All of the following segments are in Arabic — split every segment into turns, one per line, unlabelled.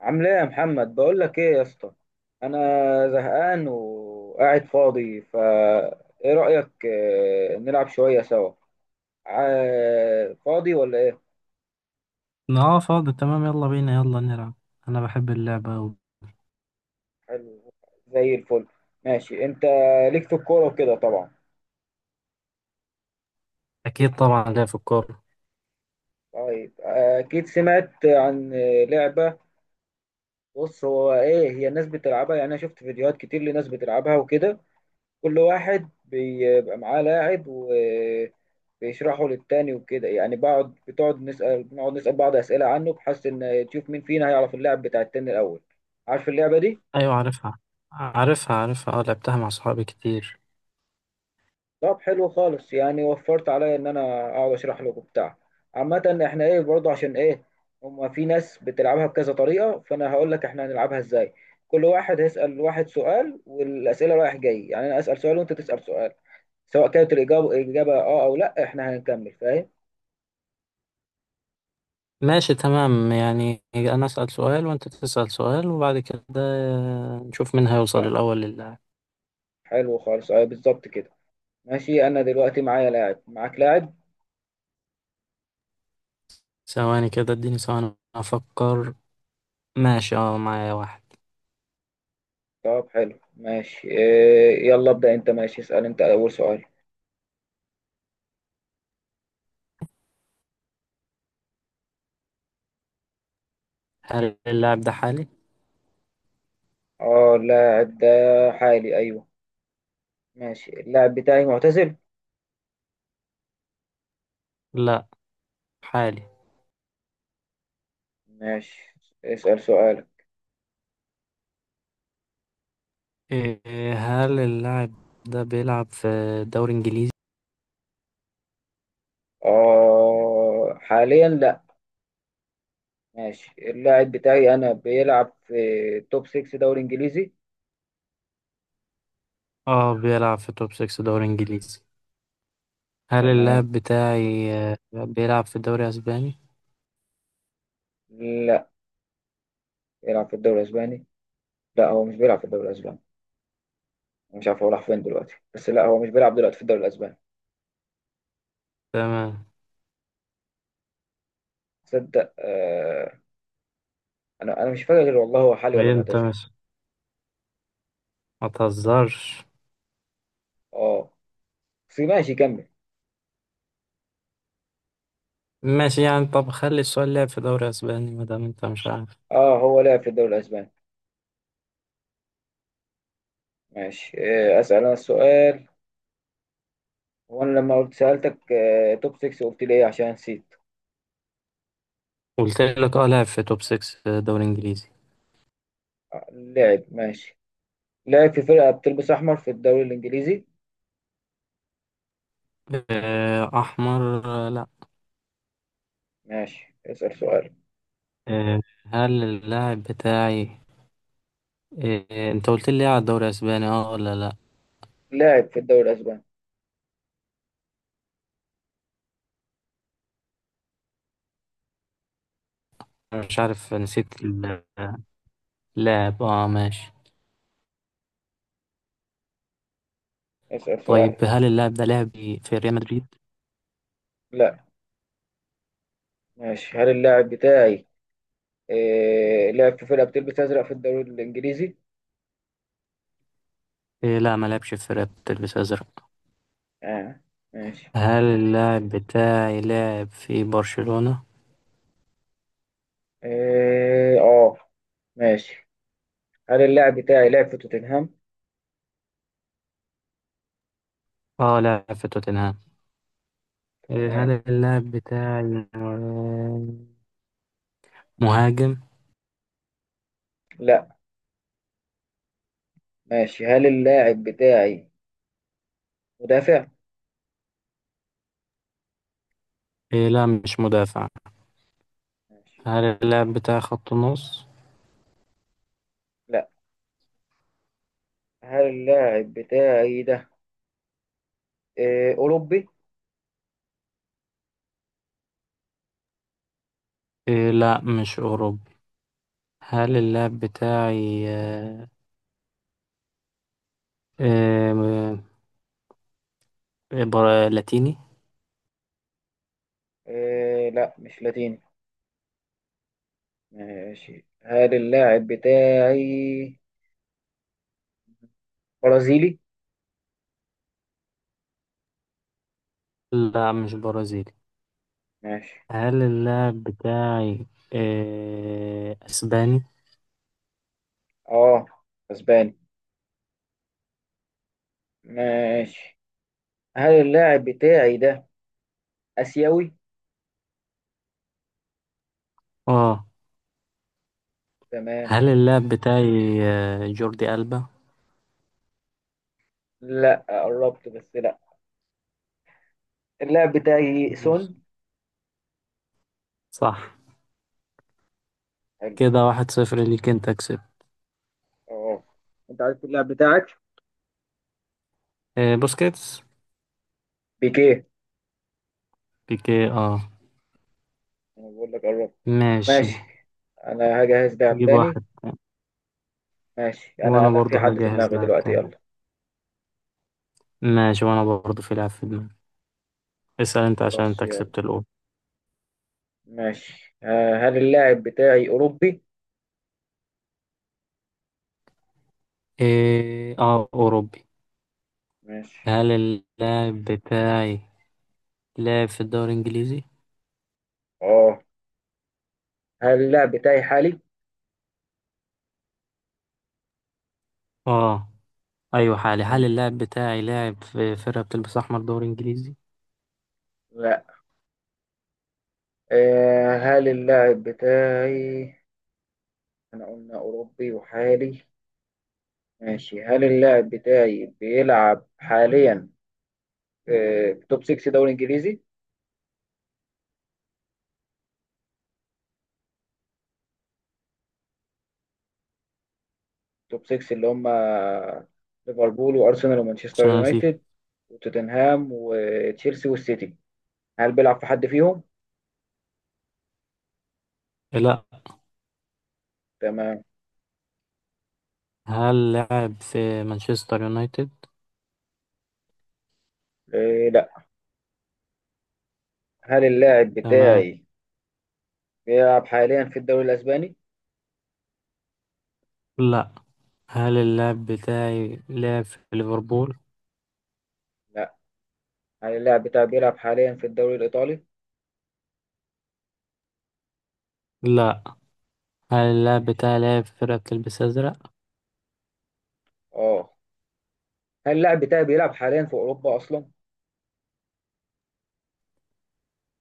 عامل ايه يا محمد، بقول لك ايه يا اسطى؟ انا زهقان وقاعد فاضي. ايه رايك، نلعب شويه سوا؟ فاضي ولا ايه؟
اه، فاضي تمام. يلا بينا يلا نلعب. انا بحب اللعبة أوي.
حلو، زي الفل. ماشي، انت ليك في الكوره وكده طبعا.
اكيد طبعا لعب في الكورة.
طيب، اكيد سمعت عن لعبه. بص، هو ايه، هي الناس بتلعبها، يعني انا شفت فيديوهات كتير لناس بتلعبها وكده. كل واحد بيبقى معاه لاعب و بيشرحوا للتاني وكده، يعني بقعد بتقعد نسأل بنقعد نسأل بعض أسئلة عنه، بحيث إن تشوف مين فينا هيعرف اللعب بتاع التاني الأول. عارف اللعبة دي؟
ايوه عارفها عارفها عارفها، اه لعبتها مع صحابي كتير.
طب حلو خالص، يعني وفرت عليا إن أنا أقعد أشرح له وبتاع. عامة، إحنا إيه برضه، عشان إيه، هما في ناس بتلعبها بكذا طريقة، فأنا هقول لك إحنا هنلعبها إزاي. كل واحد هيسأل واحد سؤال، والأسئلة رايح جاي، يعني أنا أسأل سؤال وأنت تسأل سؤال. سواء كانت الإجابة آه أو لأ، إحنا هنكمل. فاهم؟
ماشي تمام، يعني انا اسأل سؤال وانت تسأل سؤال وبعد كده نشوف مين هيوصل
آه،
الاول للاعب.
حلو خالص، أيوه بالظبط كده. ماشي، انا دلوقتي معايا لاعب، معاك لاعب.
ثواني كده اديني ثواني افكر. ماشي، اه معايا واحد.
طب حلو، ماشي إيه، يلا ابدأ انت. ماشي، اسأل انت اول سؤال.
هل اللاعب ده حالي؟
اه، اللاعب ده حالي، ايوه. ماشي، اللاعب بتاعي معتزل.
لا، حالي.
ماشي، اسأل سؤالك.
إيه، هل اللاعب ده بيلعب في دوري انجليزي؟
اه حاليا لا. ماشي، اللاعب بتاعي انا بيلعب في توب 6 دوري انجليزي.
اه، بيلعب في توب 6 دوري انجليزي. هل
تمام.
اللاعب بتاعي بيلعب في الدوري الأسباني؟
لا بيلعب في الدوري الاسباني. لا هو مش بيلعب في الدوري الاسباني. مش عارف هو راح فين دلوقتي، بس لا هو مش بيلعب دلوقتي في الدوري الاسباني.
تمام.
تصدق انا مش فاكر غير والله هو حالي ولا
ايه انت
معتزل.
مش ما تهزرش.
اه، في ماشي كمل.
ماشي يعني، طب خلي السؤال لعب في دوري اسباني ما دام انت مش عارف.
اه هو لعب في الدوري الاسباني. ماشي، اسال انا السؤال. هو انا لما سالتك توب 6، قلت لي ايه، عشان نسيت.
قلت لك اه لعب في توب 6 في دوري انجليزي.
لعب ماشي. لعب في فرقه بتلبس احمر في الدوري الانجليزي.
احمر، لا.
ماشي، اسال سؤال.
آه، هل اللاعب بتاعي انت قلت لي على الدوري الاسباني، اه ولا لا؟
لاعب في الدوري الاسباني.
أنا مش عارف، نسيت اللاعب، اه ماشي.
اسال سؤال.
طيب هل اللاعب ده لعب في ريال مدريد؟
لا. ماشي، هل اللاعب بتاعي لعب في فرقه بتلبس ازرق في الدوري الانجليزي؟
لا، ما لعبش في فرقة بتلبس ازرق.
اه. ماشي.
هل اللاعب بتاعي لاعب في برشلونة؟
اه، ماشي. هل اللاعب بتاعي لعب في توتنهام؟
اه، لاعب في توتنهام. إيه،
آه،
هل اللاعب بتاعي مهاجم؟
لا. ماشي، هل اللاعب بتاعي مدافع؟
إيه، لا مش مدافع.
ماشي.
هل اللاعب بتاعي خط نص؟
لا. هل اللاعب بتاعي ده أوروبي؟
إيه، لا مش أوروبي. هل
ماشي.
اللاعب بتاعي آه، لاتيني؟
لا مش لاتيني. ماشي، هل اللاعب بتاعي برازيلي؟
لا مش برازيلي.
ماشي.
هل اللاعب بتاعي أسباني؟
اه، اسباني. ماشي، هل اللاعب بتاعي ده آسيوي؟
اه.
تمام.
هل اللاعب بتاعي جوردي ألبا؟
لا، قربت بس لا. اللاعب بتاعي
ماشي،
سون.
صح.
حلو.
كده واحد صفر ليك، انت كسبت.
اه. انت عارف اللاعب بتاعك؟
بوسكيتس.
بيكيه.
بيكي، اه.
انا بقول لك قربت.
ماشي،
ماشي. انا هجهز لاعب
جيب
تاني.
واحد.
ماشي، انا
وانا
انا في
برضو
حد في
هجهز
دماغي
لاعب
دلوقتي،
تاني.
يلا.
ماشي، وانا برضو في لاعب في دماغي. اسأل انت عشان
خلاص
انت
يلا.
كسبت الاول.
ماشي، هل اللاعب بتاعي اوروبي؟
إيه، اه اوروبي.
ماشي،
هل اللاعب بتاعي لاعب في الدوري الانجليزي؟
اه. هل اللاعب بتاعي حالي؟
اه، ايوه حالي. هل
ماشي.
اللاعب بتاعي لاعب في فرقة بتلبس احمر دوري انجليزي؟
لا. هل اللاعب بتاعي، احنا قلنا اوروبي وحالي. ماشي، هل اللاعب بتاعي بيلعب حاليا في توب 6 دوري انجليزي؟ توب 6 اللي هم ليفربول وارسنال ومانشستر
عشان انا نسيت.
يونايتد وتوتنهام وتشيلسي والسيتي. هل بيلعب في حد فيهم؟
لا.
تمام.
هل لاعب في مانشستر يونايتد؟
إيه لا. هل اللاعب
تمام،
بتاعي بيلعب حاليا في الدوري الأسباني؟
لا. هل اللاعب بتاعي لعب في ليفربول؟
لا. هل اللاعب بتاعي بيلعب حاليا في الدوري الإيطالي؟
لا. هل اللاعب
ماشي.
بتاعي لعب في فرقة بتلبس أزرق؟
اه. هل اللاعب بتاعي بيلعب حاليا في أوروبا أصلا؟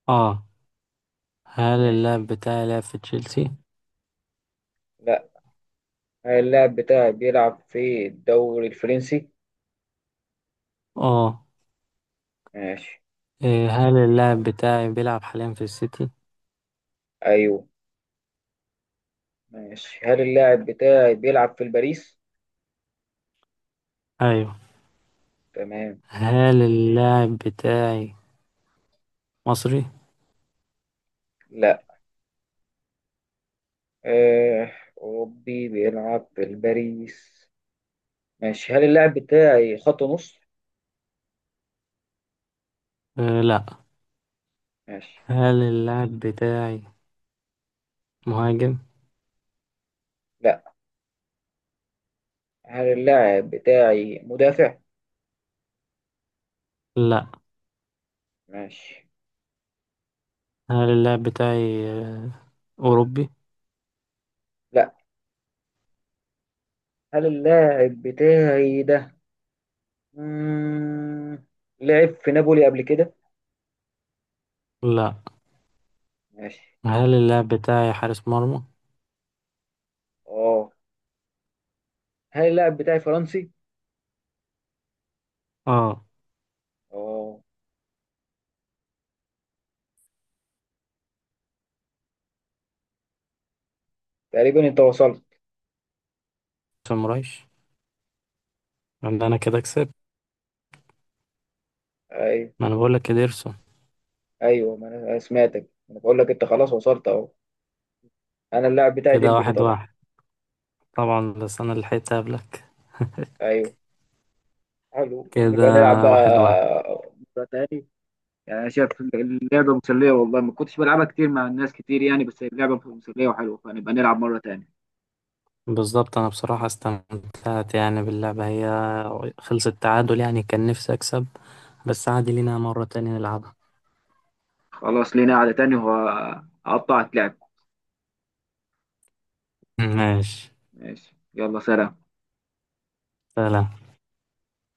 اه. هل اللاعب
ماشي.
بتاعي لعب في تشيلسي؟
لا. هل اللاعب بتاعي بيلعب في الدوري الفرنسي؟
اه.
ماشي.
إيه، هل اللاعب بتاعي بيلعب حاليا في السيتي؟
أيوه. ماشي، هل اللاعب بتاعي بيلعب في الباريس؟
أيوه.
تمام.
هل اللاعب بتاعي مصري؟
لا. آه، أوروبي بيلعب في الباريس. ماشي، هل اللاعب بتاعي خط نص؟
آه لا.
ماشي.
هل اللاعب بتاعي مهاجم؟
لا. هل اللاعب بتاعي مدافع؟
لا.
ماشي.
هل اللاعب بتاعي أوروبي؟
لا. هل اللاعب بتاعي ده مم... لعب في نابولي قبل كده؟
لا.
ماشي.
هل اللاعب بتاعي حارس مرمى؟
اه. هل اللاعب بتاعي فرنسي؟
اه.
اه. تقريبا انت وصلت.
سمرايش، يبقى أنا كده كسبت.
ايوه.
ما انا بقولك، يا ديرسون.
ايوه، ما انا سمعتك، انا بقول لك انت خلاص وصلت اهو. انا اللاعب بتاعي
كده
ديمبلي
واحد
طبعا.
واحد. طبعا بس انا اللي لحقت قبلك،
ايوه. حلو،
كده
نبقى نلعب
واحد واحد.
بقى مرة تاني. يعني انا شايف اللعبه مسليه والله، ما كنتش بلعبها كتير مع الناس كتير يعني، بس هي اللعبه مسليه وحلوه، فنبقى نلعب مره تاني.
بالظبط، انا بصراحة استمتعت يعني باللعبة. هي خلصت تعادل، يعني كان نفسي اكسب بس عادي، لينا مرة تانية نلعبها.
خلاص، لينا قعده تاني وهقطعك لعب.
ماشي،
ماشي، يلا سلام.
سلام.